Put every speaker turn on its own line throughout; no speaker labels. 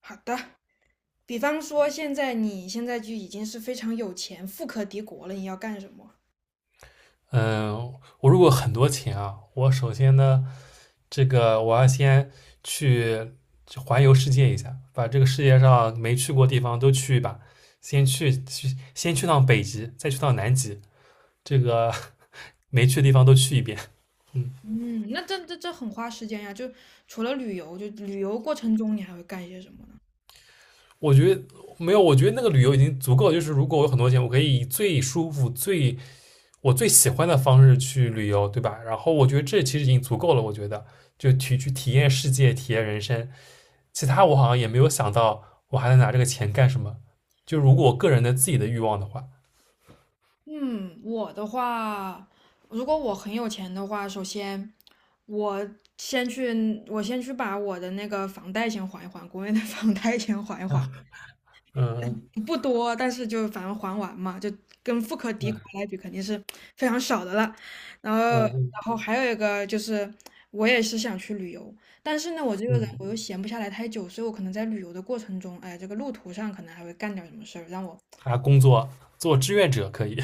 好的，比方说你现在就已经是非常有钱、富可敌国了，你要干什么？
嗯，我如果很多钱啊，我首先呢，这个我要先去环游世界一下，把这个世界上没去过地方都去一把，先去趟北极，再去趟南极，这个 没去的地方都去一遍。嗯，
嗯，那这很花时间呀。就除了旅游，就旅游过程中你还会干一些什么呢？
我觉得没有，我觉得那个旅游已经足够了，就是如果我有很多钱，我可以以最舒服、我最喜欢的方式去旅游，对吧？然后我觉得这其实已经足够了。我觉得就去体验世界，体验人生。其他我好像也没有想到我还能拿这个钱干什么。就如果我个人的自己的欲望的话，
嗯，我的话，如果我很有钱的话，首先我我先去把我的那个房贷先还一还，国内的 房贷先还一还，
嗯
不多，但是就反正还完嘛，就跟富可敌国
嗯
来比，肯定是非常少的了。然后，然
嗯
后还有一个就是，我也是想去旅游，但是呢，我这
嗯，
个人我又闲不下来太久，所以我可能在旅游的过程中，哎，这个路途上可能还会干点什么事儿，让我
还工作，做志愿者可以，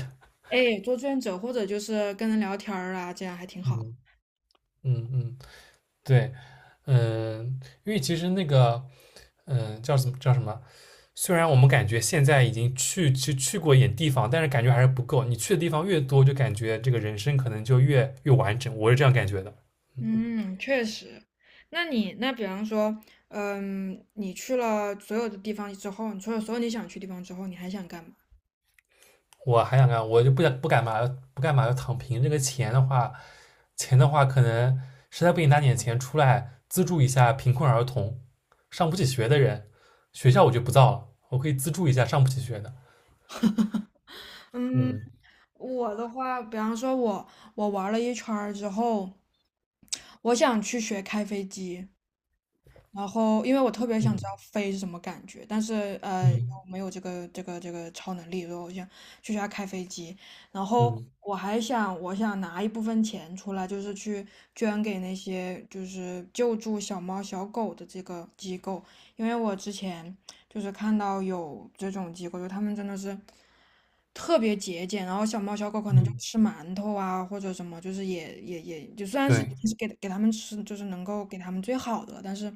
哎做志愿者或者就是跟人聊天儿啊，这样还挺好。
嗯 嗯嗯，对，嗯，因为其实那个，叫什么叫什么？虽然我们感觉现在已经去过一点地方，但是感觉还是不够。你去的地方越多，就感觉这个人生可能就越完整。我是这样感觉的。
嗯，确实。那你比方说，嗯，你去了所有的地方之后，你去了所有你想去的地方之后，你还想干嘛？
我还想干，我就不想不干嘛，不干嘛要躺平。这个钱的话，钱的话，可能实在不行拿点钱出来资助一下贫困儿童、上不起学的人。学校我就不造了，我可以资助一下上不起学的。
嗯，
嗯
我的话，比方说我玩了一圈儿之后，我想去学开飞机，然后因为我特别想知道
嗯
飞是什么感觉，但是
嗯
我没有这个超能力，所以我想去学下开飞机。然后
嗯
我想拿一部分钱出来，就是去捐给那些就是救助小猫小狗的这个机构，因为我之前就是看到有这种机构，就他们真的是特别节俭，然后小猫小狗可能就
嗯，
吃馒头啊或者什么，就是也就虽然是
对，
是给他们吃，就是能够给他们最好的，但是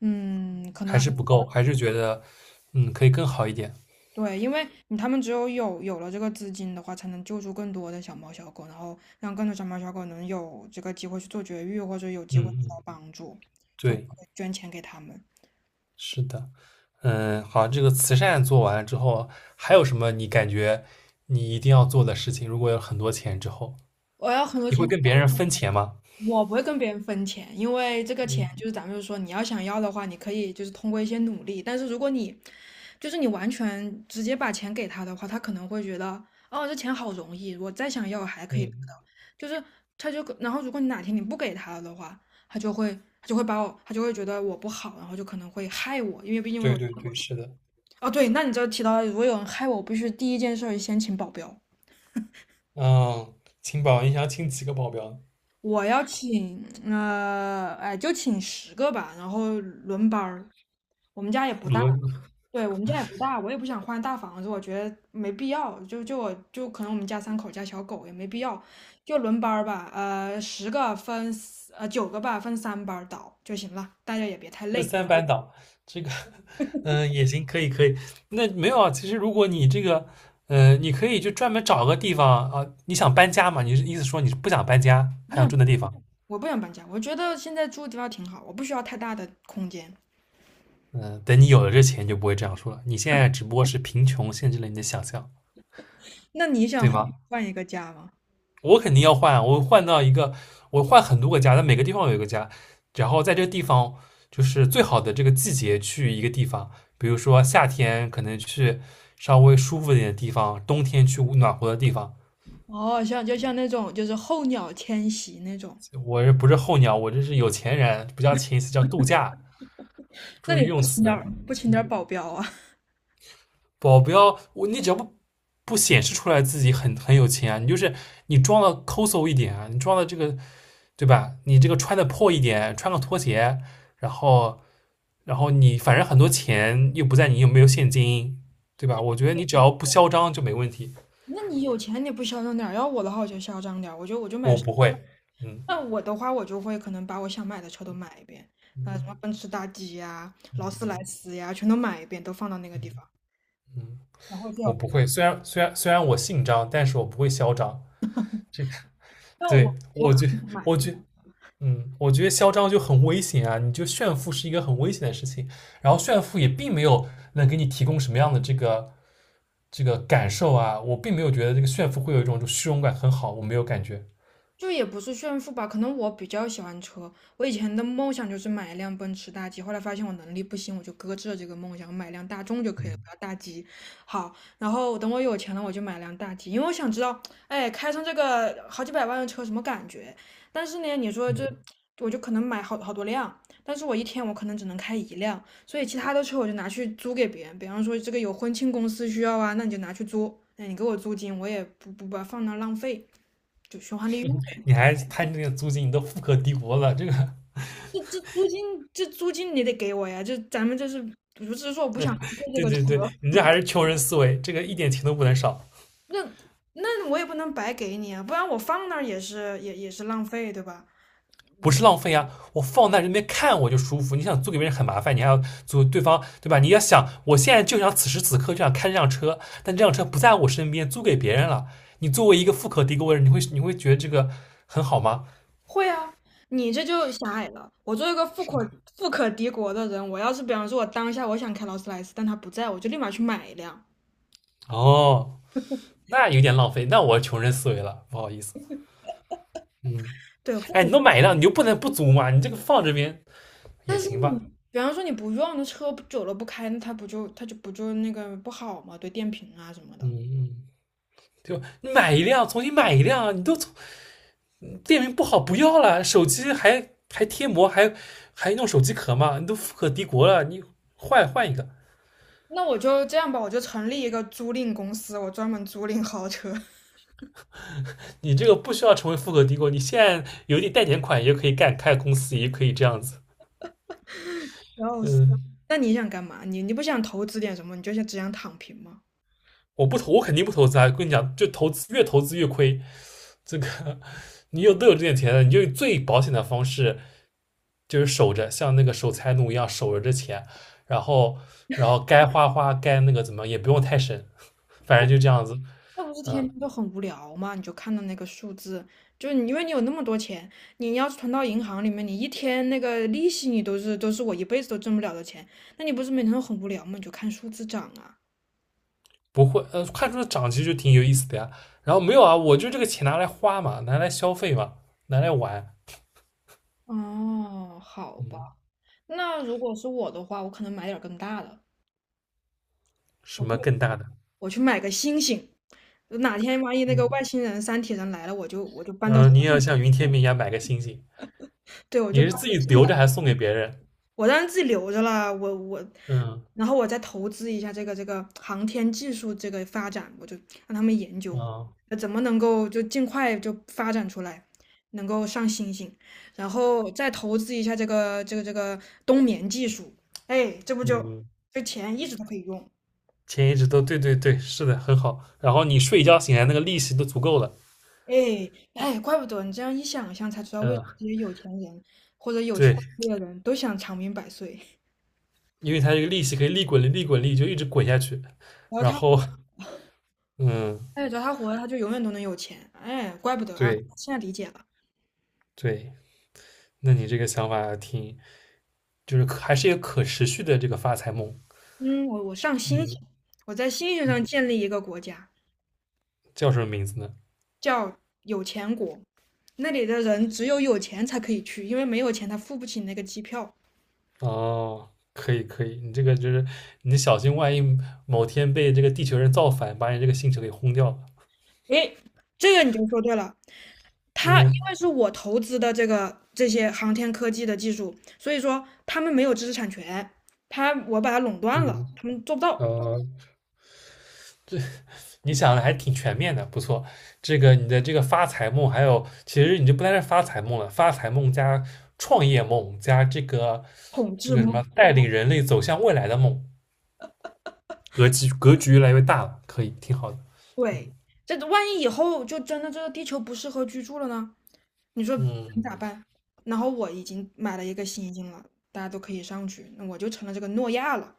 可
还
能
是不够，还是觉得嗯可以更好一点。
对，因为他们只有了这个资金的话，才能救助更多的小猫小狗，然后让更多小猫小狗能有这个机会去做绝育，或者有
嗯
机会得
嗯，
到帮助，就会
对，
捐钱给他们。
是的。嗯，好，这个慈善做完了之后，还有什么你感觉你一定要做的事情？如果有很多钱之后，
我要很多
你
钱，
会跟别人分钱吗？
我不会跟别人分钱，因为这个钱
嗯
就是咱们就说你要想要的话，你可以就是通过一些努力。但是如果你就是你完全直接把钱给他的话，他可能会觉得哦，这钱好容易，我再想要还可以得
嗯，
到。就是他就然后如果你哪天你不给他了的话，他就会觉得我不好，然后就可能会害我，因为毕竟我有
对
这
对
么多
对，
钱。
是的，
哦，对，那你这提到了如果有人害我，我必须第一件事儿先请保镖。
嗯，请保，你想要请几个保镖？
我要请，哎，就请十个吧，然后轮班儿。我们家也不大，
轮，
对，我们家也不大，我也不想换大房子，我觉得没必要。就我就可能我们家三口加小狗也没必要，就轮班儿吧。呃，十个分九个吧，分三班儿倒就行了，大家也别太
那
累。
三班倒，这个，嗯，也行，可以可以。那没有啊，其实如果你这个，你可以就专门找个地方啊，你想搬家嘛？你是意思说你是不想搬家，
不
还想
想
住那地方？
我不想搬家，我觉得现在住的地方挺好，我不需要太大的空间。
嗯，等你有了这钱，你就不会这样说了。你现在只不过是贫穷限制了你的想象，
那你想
对
换
吗？
换一个家吗？
我肯定要换啊，我换到一个，我换很多个家，但每个地方有一个家，然后在这个地方就是最好的这个季节去一个地方，比如说夏天可能去稍微舒服一点的地方，冬天去暖和的地方。
哦，像就像那种就是候鸟迁徙那种。
我这不是候鸟，我这是有钱人，不叫前一次叫度假，
那
注意
你不
用
请
词。
点儿不请点儿
嗯，
保镖啊？
保镖，我，你只要不不显示出来自己很很有钱啊，你就是你装的抠搜一点啊，你装的这个，对吧？你这个穿的破一点，穿个拖鞋，然后。然后你反正很多钱又不在，你又没有现金，对吧？我觉得你只要不嚣张就没问题。
那你有钱你不嚣张点儿？要我的话我就嚣张点儿，我就买。
我不会，嗯
那我的话我就会可能把我想买的车都买一遍，啊、什
嗯
么奔驰大 G 呀、劳斯莱
嗯
斯呀，全都买一遍，都放到那个地
嗯
方。
嗯，
然后就，
我不会。虽然我姓张，但是我不会嚣张。这个，
那
对，
我可能买一
我
遍。
觉我觉得嚣张就很危险啊！你就炫富是一个很危险的事情，然后炫富也并没有能给你提供什么样的这个这个感受啊。我并没有觉得这个炫富会有一种就虚荣感很好，我没有感觉。
就也不是炫富吧，可能我比较喜欢车。我以前的梦想就是买一辆奔驰大 G，后来发现我能力不行，我就搁置了这个梦想，买辆大众就可以了，不要
嗯
大 G。好，然后等我有钱了，我就买辆大 G，因为我想知道，哎，开上这个好几百万的车什么感觉？但是呢，你说这，
嗯。
我就可能买好多辆，但是我一天我可能只能开一辆，所以其他的车我就拿去租给别人，比方说这个有婚庆公司需要啊，那你就拿去租，那你给我租金，我也不把它放那儿浪费，就循环利用。
你还他那个租金你都富可敌国了，这个，
这租金，这租金你得给我呀！就咱们这是不是说我不想浪费这
对
个车？
对对，你这还是穷人思维，这个一点钱都不能少，
那那我也不能白给你啊，不然我放那儿也是浪费，对吧？
不是浪费啊！我放在这边看我就舒服，你想租给别人很麻烦，你还要租对方，对吧？你要想，我现在就想此时此刻就想开这辆车，但这辆车不在我身边，租给别人了，你作为一个富可敌国的人，你会觉得这个很好吗？
会啊，你这就狭隘了。我作为一个富可敌国的人，我要是比方说我当下我想开劳斯莱斯，但他不在，我就立马去买一辆。
哦，那有点浪费，那我穷人思维了，不好意思，嗯，
对，富
哎，你
可
都买一辆，你就不能不租吗？你这个放这边也
但是
行
你
吧，
比方说你不用，的车久了不开，那它不就那个不好嘛？对电瓶啊什么
嗯
的。
嗯。对吧？你买一辆，重新买一辆，你都从店名不好不要了，手机还贴膜，还弄手机壳嘛，你都富可敌国了，你换一个，
那我就这样吧，我就成立一个租赁公司，我专门租赁豪车。
你这个不需要成为富可敌国，你现在有点贷点款也可以干，开公司也可以这样子。
然后，
嗯，
那你想干嘛？你不想投资点什么？你就想只想躺平吗？
我不投，我肯定不投资啊！跟你讲，就投资越投资越亏。这个你有都有这点钱了，你就最保险的方式就是守着，像那个守财奴一样守着这钱，然后该花花，该那个怎么也不用太省。反正就这样子，
那不是天
嗯，
天都很无聊吗？你就看到那个数字，就是你因为你有那么多钱，你要是存到银行里面，你一天那个利息你都是我一辈子都挣不了的钱，那你不是每天都很无聊吗？你就看数字涨啊。
不会，看出涨其实就挺有意思的呀。然后没有啊，我就这个钱拿来花嘛，拿来消费嘛，拿来玩，
哦，好吧，
嗯，
那如果是我的话，我可能买点儿更大的，我
什
去
么更大的，
我去买个星星。哪天万一那
嗯，
个外星人、三体人来了，我就搬到，
嗯，你也要像云天明一样买个星星，
对，我
你
就搬
是自
到
己
自
留
己，
着还是送给别人？
我当然自己留着了，
嗯，
然后我再投资一下这个航天技术这个发展，我就让他们研究，
啊，
怎么能够就尽快就发展出来，能够上星星，然后再投资一下这个冬眠技术，哎，这不就
嗯，
这钱一直都可以用。
钱一直都，对对对，是的，很好。然后你睡一觉醒来，那个利息都足够了，
哎哎，怪不得你这样一想象才知道，为什
嗯，
么这些有钱人或者 有权
对，
利的人都想长命百岁。
因为它这个利息可以利滚利，利滚利就一直滚下去。
然后
然
他，
后，嗯，
哎，只要他活着，他就永远都能有钱。哎，怪不得啊，
对
现在理解了。
对，那你这个想法挺就是还是一个可持续的这个发财梦。
嗯，我上星星，
嗯，
我在星星上
嗯，
建立一个国家，
叫什么名字呢？
叫有钱国。那里的人只有有钱才可以去，因为没有钱他付不起那个机票。
哦，可以可以，你这个就是你小心，万一某天被这个地球人造反，把你这个星球给轰掉了。
哎，这个你就说对了。他因
嗯
为是我投资的这些航天科技的技术，所以说他们没有知识产权，我把它垄断了，
嗯，
他们做不到
呃，这，你想的还挺全面的，不错。这个你的这个发财梦，还有其实你就不单是发财梦了，发财梦加创业梦加这个
统
这
治
个什
吗？
么带领人类走向未来的梦，格局越来越大了，可以挺好的。
对，
嗯
这万一以后就真的这个地球不适合居住了呢？你说你
嗯，
咋办？然后我已经买了一个新星了，大家都可以上去，那我就成了这个诺亚了。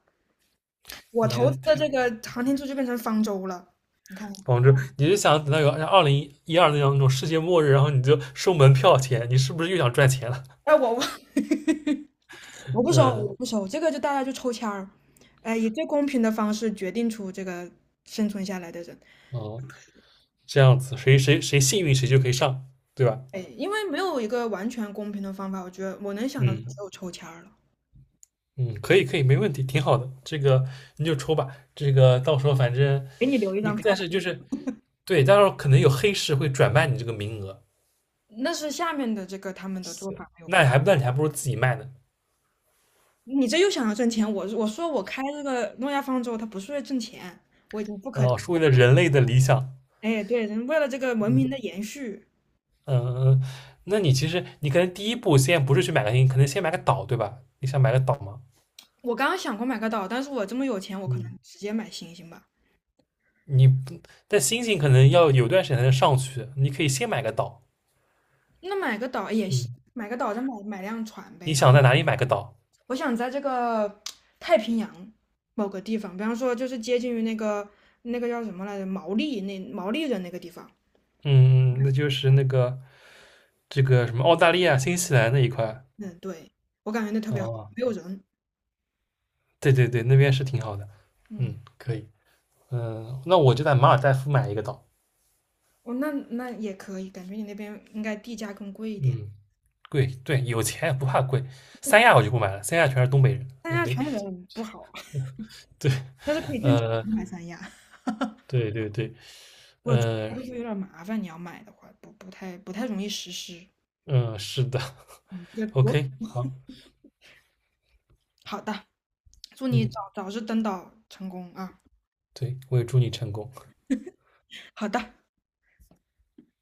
我投资的
你，
这个航天柱就变成方舟了。你看，
广州，你就想等到有2012那样那种世界末日，然后你就收门票钱，你是不是又想赚钱了？
哎，我 我不收，
嗯，
我不收，这个就大家就抽签儿，哎，以最公平的方式决定出这个生存下来的人，
哦，这样子，谁谁谁幸运谁就可以上，对吧？
哎，因为没有一个完全公平的方法，我觉得我能想到只
嗯
有抽签儿了，
嗯，可以可以，没问题，挺好的。这个你就抽吧，这个到时候反正
给你留一
你，
张票
但
吧，
是就是对，到时候可能有黑市会转卖你这个名额，
那是下面的这个他们的做
是，
法没有
那
关
你还，那你还不如自己卖呢。
系你这又想要挣钱，我说我开这个诺亚方舟，它不是为了挣钱，我已经不可，
哦，是为了人类的理想。
哎，对，人为了这个文明的
嗯
延续，
嗯嗯，那你其实你可能第一步先不是去买个星，可能先买个岛，对吧？你想买个岛吗？
我刚刚想过买个岛，但是我这么有钱，我可能
嗯，
直接买星星吧，
你不，但星星可能要有段时间才能上去，你可以先买个岛。
那买个岛也
嗯，
行，买个岛再买辆船
你
呗。
想在哪里买个岛？
我想在这个太平洋某个地方，比方说就是接近于那个叫什么来着，毛利人那个地方。
嗯，嗯，那就是那个这个什么澳大利亚、新西兰那一块。
嗯，对，我感觉那特别好，
哦，
没有人。
对对对，那边是挺好的。嗯，
嗯，
可以。嗯，那我就在马尔代夫买一个岛。
哦，那也可以，感觉你那边应该地价更贵一点。
嗯，贵，对，有钱不怕贵。三亚我就不买了，三亚全是东北人，
三
也
亚
没，
全人不好啊。
对，
但是可以挣钱
呃。
买三亚。
对对对，
我觉得
呃
会不会有点麻烦？你要买的话，不太容易实施。
是的
这 国
，OK，好，
好的，祝你
嗯，
早日登岛成功啊！
对，我也祝你成功。
好的。